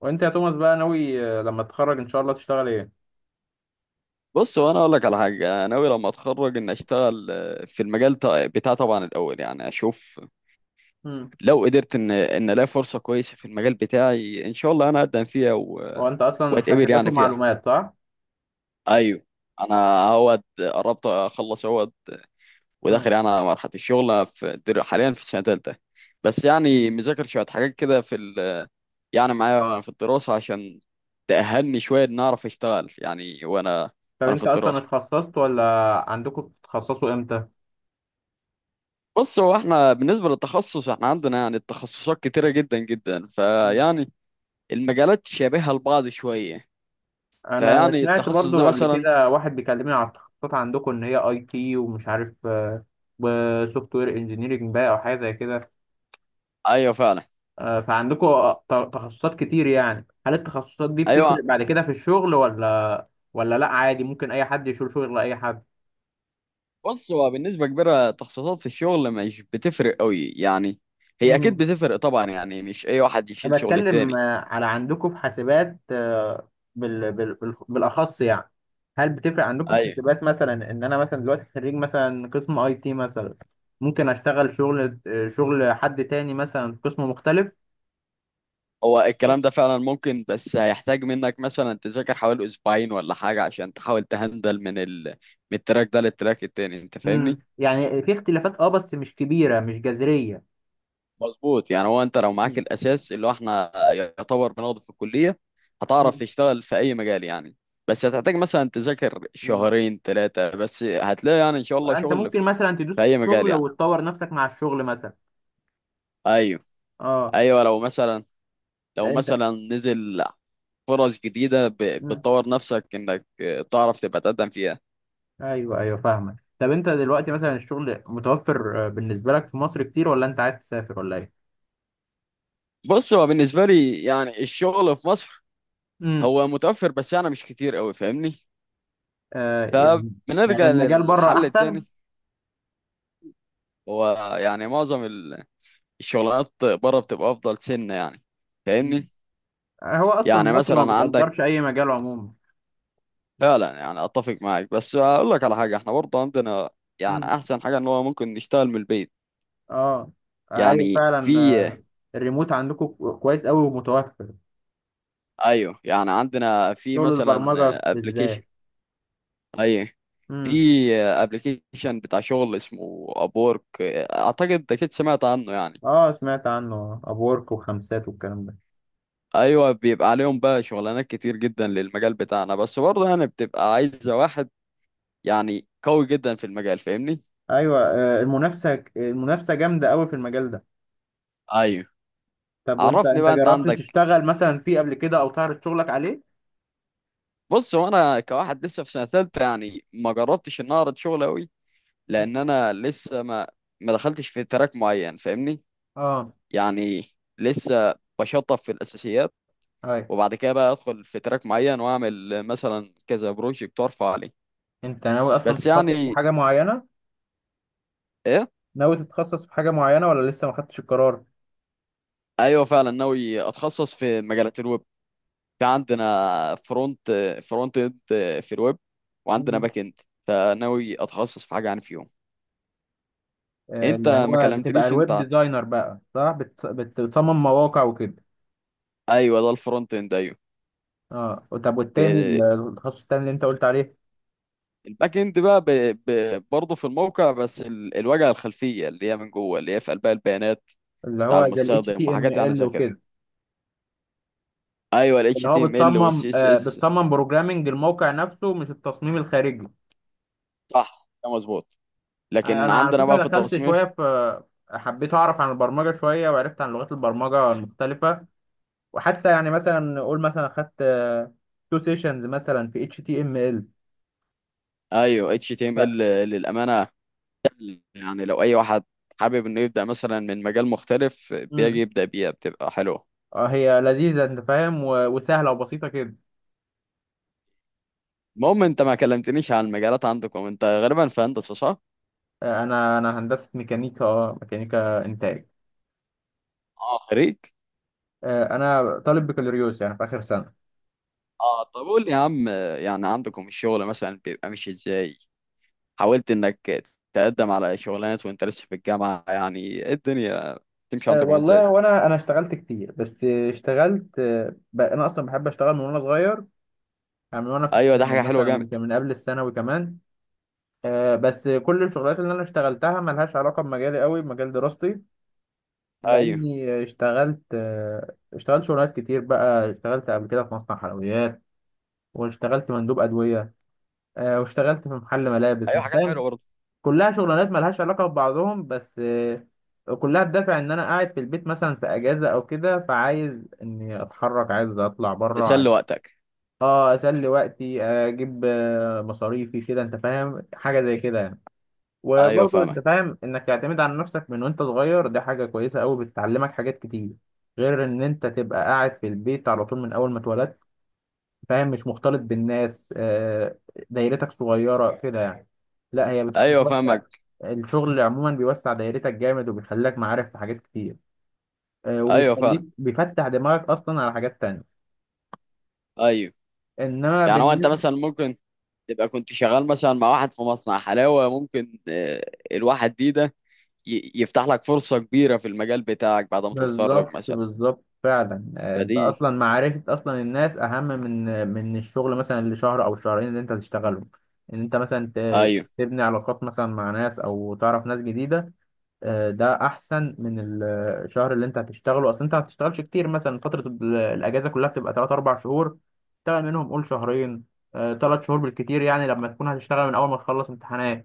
وانت يا توماس بقى ناوي لما تتخرج ان شاء الله تشتغل ايه؟ بص، وانا اقول لك على حاجه. انا ناوي لما اتخرج ان اشتغل في المجال بتاعي طبعا. الاول يعني اشوف. مم. لو قدرت ان الاقي فرصه كويسه في المجال بتاعي ان شاء الله انا اقدم فيها هو انت اصلا واتقبل حاسبات يعني فيها. ومعلومات صح؟ ايوه. انا اهوت قربت اخلص اهوت. وداخل مم. يعني على مرحله الشغل حاليا في سنه ثالثه. بس يعني مم. مذاكر شويه حاجات كده يعني معايا في الدراسه عشان تأهلني شويه ان اعرف اشتغل يعني. وانا طب وانا في انت اصلا الدراسه. اتخصصت ولا عندكم بتتخصصوا امتى؟ بص، هو احنا بالنسبة للتخصص، احنا عندنا يعني التخصصات كتيرة جدا جدا، مم. فيعني المجالات شبيهة لبعض شوية، انا فيعني سمعت التخصص ده برضو قبل مثلا. كده واحد بيكلمني على التخصصات عندكم ان هي اي تي ومش عارف وسوفت وير انجينيرنج بقى او حاجه زي كده. ايوه فعلا. فعندكم تخصصات كتير، يعني هل التخصصات دي ايوه. بتفرق بعد كده في الشغل ولا ولا لا عادي ممكن اي حد يشيل شغل اي حد؟ بص، هو بالنسبة كبيرة تخصصات في الشغل مش بتفرق قوي يعني، هي اكيد مم. بتفرق طبعا يعني، مش اي واحد يشيل انا شغل بتكلم التاني. على عندكم في حاسبات، بالاخص يعني، هل بتفرق عندكم في ايوه. حاسبات مثلا ان انا مثلا دلوقتي خريج مثلا قسم اي تي مثلا ممكن اشتغل شغل شغل حد تاني مثلا في قسم مختلف؟ هو الكلام ده فعلا ممكن، بس هيحتاج منك مثلا تذاكر حوالي اسبوعين ولا حاجة عشان تحاول تهندل من التراك ده للتراك التاني، انت فاهمني؟ يعني في اختلافات، اه بس مش كبيرة، مش جذرية. مظبوط. يعني هو انت لو معاك مم. الاساس اللي هو احنا يعتبر بناخده في الكليه هتعرف مم. تشتغل في اي مجال يعني. بس هتحتاج مثلا تذاكر مم. شهرين ثلاثه، بس هتلاقي يعني ان شاء الله انت شغل ممكن في مثلا تدوس في في اي مجال الشغل يعني. وتطور نفسك مع الشغل مثلا؟ ايوه، اه. ايوه. لو مثلا لو انت. مثلا نزل فرص جديده بتطور نفسك انك تعرف تبقى تقدم فيها. ايوه، ايوه، فاهمك. طب انت دلوقتي مثلا الشغل متوفر بالنسبه لك في مصر كتير ولا انت عايز تسافر ولا ايه؟ بص، هو بالنسبه لي يعني الشغل في مصر امم. هو متوفر، بس يعني مش كتير قوي فاهمني. آه، يعني. يعني فبنرجع المجال بره للحل احسن. التاني. هو يعني معظم الشغلانات بره بتبقى افضل سنه يعني، فاهمني. هو اصلا يعني مصر ما مثلا عندك. بتقدرش اي مجال عموما. فعلا يعني اتفق معاك، بس اقول لك على حاجه: احنا برضه عندنا يعني امم. احسن حاجه ان هو ممكن نشتغل من البيت. اه. ايوه يعني فعلا. في، الريموت عندكم كويس قوي ومتوفر. ايوه، يعني عندنا في شغل مثلا البرمجه ابلكيشن. بالذات. ايوه، في امم. ابلكيشن بتاع شغل اسمه ابورك، اعتقد اكيد سمعت عنه يعني. اه، سمعت عنه ابورك وخمسات والكلام ده. ايوه، بيبقى عليهم بقى شغلانات كتير جدا للمجال بتاعنا، بس برضه يعني بتبقى عايزه واحد يعني قوي جدا في المجال فاهمني. ايوه. المنافسه، المنافسه جامده قوي في المجال ده. ايوه. طب وانت عرفني بقى انت جربت عندك. تشتغل مثلا فيه قبل كده او تعرض شغلك عليه؟ بص، هو انا كواحد لسه في سنه ثالثه يعني ما جربتش ان أنا اعرض شغل قوي، مم. لان انا لسه ما دخلتش في تراك معين فاهمني. اه. يعني لسه بشطب في الاساسيات، اي. وبعد كده بقى ادخل في تراك معين واعمل مثلا كذا بروجكت وارفع عليه. انت ناوي اصلا بس تتخصص في يعني حاجه معينه؟ ايه. ناوي تتخصص في حاجه معينه ولا لسه ما خدتش القرار؟ ايوه فعلا، ناوي اتخصص في مجالات الويب. في عندنا فرونت اند في الويب، وعندنا مم. باك اند. فناوي اتخصص في حاجه يعني فيهم. انت اللي ما هو بتبقى كلمتنيش الويب انت. ديزاينر بقى، صح؟ بتصمم مواقع وكده. ايوه، ده الفرونت اند. ايوه. اه، طب والتاني ب- التخصص التاني اللي انت قلت عليه. الباك اند بقى برضه في الموقع، بس الواجهه الخلفيه اللي هي من جوه، اللي هي في قلبها البيانات اللي بتاع هو زي ال المستخدم وحاجات يعني HTML زي كده. وكده. ايوه، ال اللي هو HTML وال بتصمم، آه، CSS. بتصمم بروجرامنج الموقع نفسه مش التصميم الخارجي. صح، ده مظبوط. لكن انا على عندنا فكره بقى في دخلت التصميم. شويه في، حبيت اعرف عن البرمجه شويه وعرفت عن لغات البرمجه المختلفه، وحتى يعني مثلا نقول مثلا خدت تو سيشنز مثلا في اتش تي ام ال، ايوه ف. HTML. للامانه يعني لو اي واحد حابب انه يبدا مثلا من مجال مختلف، بيجي مم. يبدا بيها بتبقى حلوه. هي لذيذه، انت فاهم، وسهله وبسيطه كده. المهم، انت ما كلمتنيش عن المجالات عندكم. انت غالبا في هندسه صح؟ انا هندسه ميكانيكا، اه ميكانيكا انتاج. اه، خريج. انا طالب بكالوريوس يعني في اخر سنه. اه، طب قول لي يا عم، يعني عندكم الشغل مثلا بيبقى ماشي ازاي؟ حاولت انك تقدم على شغلانات وانت لسه في الجامعة؟ يعني إيه الدنيا تمشي عندكم ازاي؟ والله وانا اشتغلت كتير، بس اشتغلت، انا اصلا بحب اشتغل من وانا صغير، يعني من وانا في ايوه، ده الثانوي حاجة حلوة مثلا، من جامد. قبل الثانوي كمان. بس كل الشغلات اللي انا اشتغلتها ملهاش علاقه بمجالي، قوي بمجال دراستي، ايوه، لاني اشتغلت، اشتغلت شغلات كتير بقى، اشتغلت قبل كده في مصنع حلويات، واشتغلت مندوب ادويه، واشتغلت في محل ملابس، ايوه. أنت حاجات فاهم. حلوة برضه. كلها شغلانات ملهاش علاقه ببعضهم، بس كلها بدافع ان انا قاعد في البيت مثلا في اجازه او كده، فعايز اني اتحرك، عايز اطلع بره، عايز تسلي وقتك. اه اسلي وقتي، اجيب مصاريفي كده، انت فاهم، حاجه زي كده يعني. ايوه وبرضه انت فاهمك. فاهم انك تعتمد على نفسك من وانت صغير، دي حاجة كويسة قوي، بتعلمك حاجات كتير، غير ان انت تبقى قاعد في البيت على طول من اول ما اتولدت، فاهم، مش مختلط بالناس. دايرتك صغيرة كده يعني. لا، هي ايوه بتوسع، فاهمك. الشغل عموما بيوسع دايرتك جامد، وبيخليك معارف في حاجات كتير، ايوه وبيخليك فعلا. بيفتح دماغك اصلا على حاجات تانية. ايوه، انما يعني هو انت بالنسبة، مثلا ممكن تبقى كنت شغال مثلا مع واحد في مصنع حلاوة، ممكن الواحد دي ده يفتح لك فرصة كبيرة في المجال بتاعك بعد ما تتخرج بالظبط مثلا. بالظبط فعلا. انت فدي. اصلا معرفة اصلا الناس اهم من الشغل مثلا اللي شهر او شهرين اللي انت هتشتغلهم، ان انت مثلا ايوه، تبني علاقات مثلا مع ناس، او تعرف ناس جديدة. ده احسن من الشهر اللي انت هتشتغله، اصلا انت ما هتشتغلش كتير مثلا، فترة الاجازة كلها بتبقى 3 4 شهور، تشتغل منهم قول شهرين 3 شهور بالكتير، يعني لما تكون هتشتغل من اول ما تخلص امتحانات.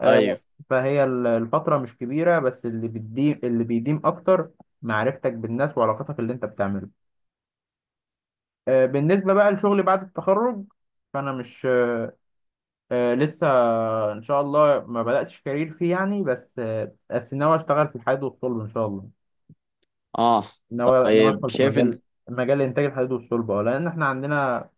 آه، ايوه. فهي الفترة مش كبيرة، بس اللي بتديم، اللي بيديم أكتر معرفتك بالناس وعلاقتك اللي أنت بتعمله. بالنسبة بقى لشغلي بعد التخرج، فأنا مش، لسه إن شاء الله ما بدأتش كارير فيه يعني، بس بس ناوي أشتغل في الحديد والصلب إن شاء الله. اه. ناوي طيب، أدخل في شايف انت. مجال، مجال إنتاج الحديد والصلب، أه لأن إحنا عندنا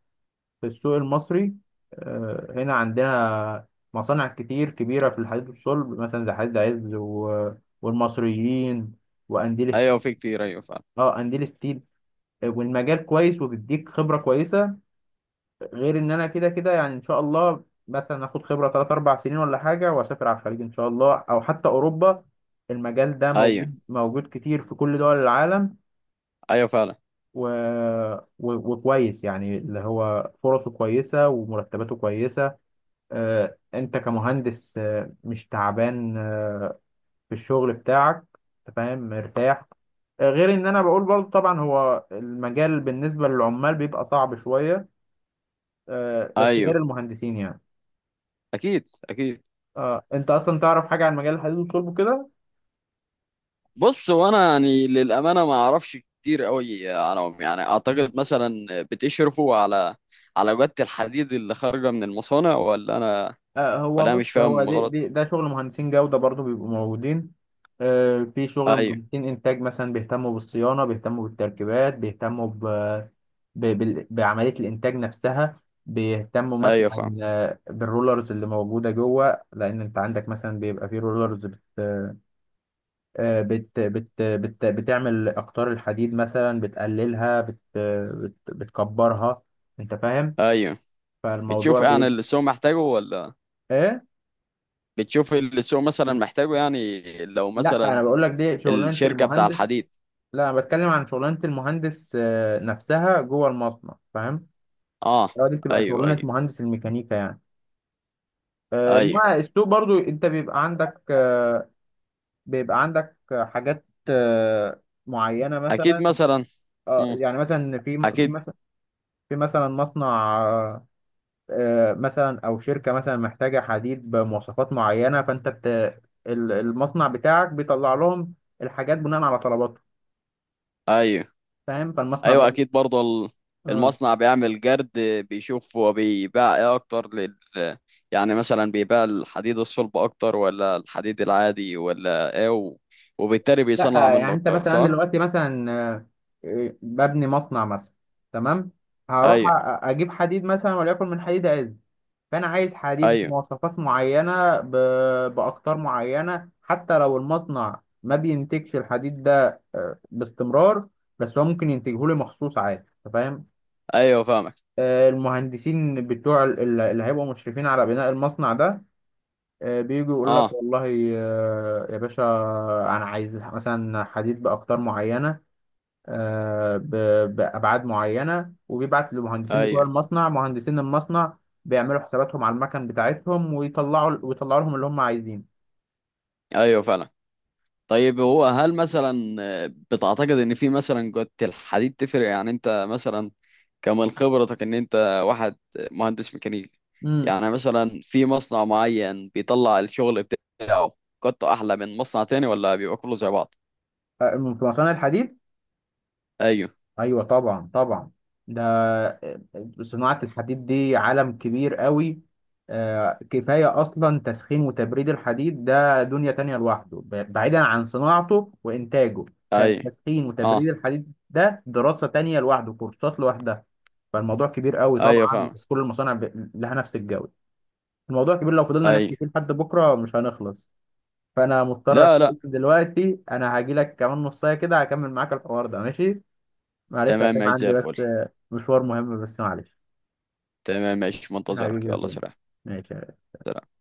في السوق المصري، هنا عندنا مصانع كتير كبيرة في الحديد والصلب، مثلا زي حديد عز و... والمصريين، وأنديل س- ايوه في كتير، ايوه فعلا. اه أنديل ستيل. والمجال كويس وبيديك خبرة كويسة، غير إن أنا كده كده يعني إن شاء الله مثلا آخد خبرة تلات أربع سنين ولا حاجة وأسافر على الخليج إن شاء الله، أو حتى أوروبا. المجال ده ايوه، موجود، موجود كتير في كل دول العالم، ايوه فعلا. و... و... وكويس يعني، اللي هو فرصه كويسة ومرتباته كويسة. انت كمهندس مش تعبان في الشغل بتاعك، أنت فاهم، مرتاح. غير ان انا بقول برضه، طبعا هو المجال بالنسبة للعمال بيبقى صعب شوية، بس غير ايوه المهندسين يعني. اكيد، اكيد. انت اصلا تعرف حاجة عن مجال الحديد والصلب كده؟ بص، وانا يعني للامانه ما اعرفش كتير قوي عنهم، يعني اعتقد مثلا بتشرفوا على جوده الحديد اللي خارجه من المصانع، ولا انا هو ولا انا مش بص، هو فاهم دي غلط. ده شغل مهندسين جودة برضو بيبقوا موجودين. في شغل ايوه، مهندسين إنتاج مثلا، بيهتموا بالصيانة، بيهتموا بالتركيبات، بيهتموا بعملية الإنتاج نفسها، بيهتموا ايوه فاهم. مثلا بالرولرز اللي موجودة جوه، لأن أنت عندك مثلا بيبقى في رولرز بت... آه، بت... بت... بت... بتعمل أقطار الحديد مثلا، بتقللها، بت... بتكبرها، أنت فاهم. ايوه. بتشوف فالموضوع يعني بيبقى. اللي السوق محتاجه؟ ولا إيه؟ بتشوف اللي السوق مثلا محتاجه يعني؟ لو لا انا مثلا بقول لك دي شغلانه الشركه بتاع المهندس، الحديد. لا انا بتكلم عن شغلانه المهندس نفسها جوه المصنع، فاهم، اه. هو دي بتبقى ايوه، شغلانه ايوه. مهندس الميكانيكا يعني. ايوه انما السوق برضو انت بيبقى عندك حاجات معينه مثلا. اكيد مثلا. اه مم. يعني مثلا في في اكيد. مثلا، في مثلا مصنع مثلا او شركه مثلا محتاجه حديد بمواصفات معينه، فانت المصنع بتاعك بيطلع لهم الحاجات بناء على طلباتهم، ايوه، فاهم، فالمصنع ايوه اكيد برضه. برضو. المصنع بيعمل جرد، بيشوف هو بيباع ايه اكتر يعني مثلا بيباع الحديد الصلب اكتر ولا الحديد العادي ولا ايه، وبالتالي لا بيصنع يعني منه انت اكتر مثلا، انا صح؟ دلوقتي مثلا ببني مصنع مثلا، تمام، هروح ايوه، اجيب حديد مثلا وليكن من حديد عز، فانا عايز حديد ايوه. بمواصفات معينه، باقطار معينه، حتى لو المصنع ما بينتجش الحديد ده باستمرار، بس هو ممكن ينتجه لي مخصوص عادي، أنت فاهم. ايوه فاهمك. المهندسين بتوع اللي هيبقوا مشرفين على بناء المصنع ده، بيجوا يقول لك اه. والله، يا باشا انا عايز مثلا حديد باقطار معينه، بأبعاد معينة، وبيبعت لمهندسين بتوع ايوه، المصنع، مهندسين المصنع بيعملوا حساباتهم على المكن بتاعتهم ويطلعوا، ويطلعوا لهم اللي هم عايزينه. ايوه فعلا. طيب، هو هل مثلا بتعتقد ان في مثلا جودة الحديد تفرق يعني؟ انت مثلا كمن خبرتك ان انت واحد مهندس ميكانيكي، امم. يعني مثلا في مصنع معين بيطلع الشغل بتاعه جودته احلى من مصنع تاني، ولا بيبقى كله زي بعض؟ في مصانع الحديد؟ ايوه، ايوه طبعا طبعا. ده آه، صناعة الحديد دي عالم كبير قوي، كفاية اصلا تسخين وتبريد الحديد، ده دنيا تانية لوحده، بعيدا عن صناعته وانتاجه. ايوه. تسخين اه، وتبريد الحديد ده دراسة تانية لوحده، كورسات لوحدها. فالموضوع كبير قوي، ايوه طبعا فاهم. مش كل المصانع لها نفس الجودة. الموضوع كبير، لو فضلنا ايوه. نحكي فيه لحد بكرة مش هنخلص. فانا مضطر لا لا. استأذن دلوقتي، انا هاجي لك كمان نص ساعة كده، هكمل معاك الحوار ده، ماشي؟ معلش تمام، عشان ماشي زي عندي الفل. بس مشوار مهم، بس معلش. تمام، ماشي منتظرك، حبيبي يا يلا توم، سلام. ماشي. سلام.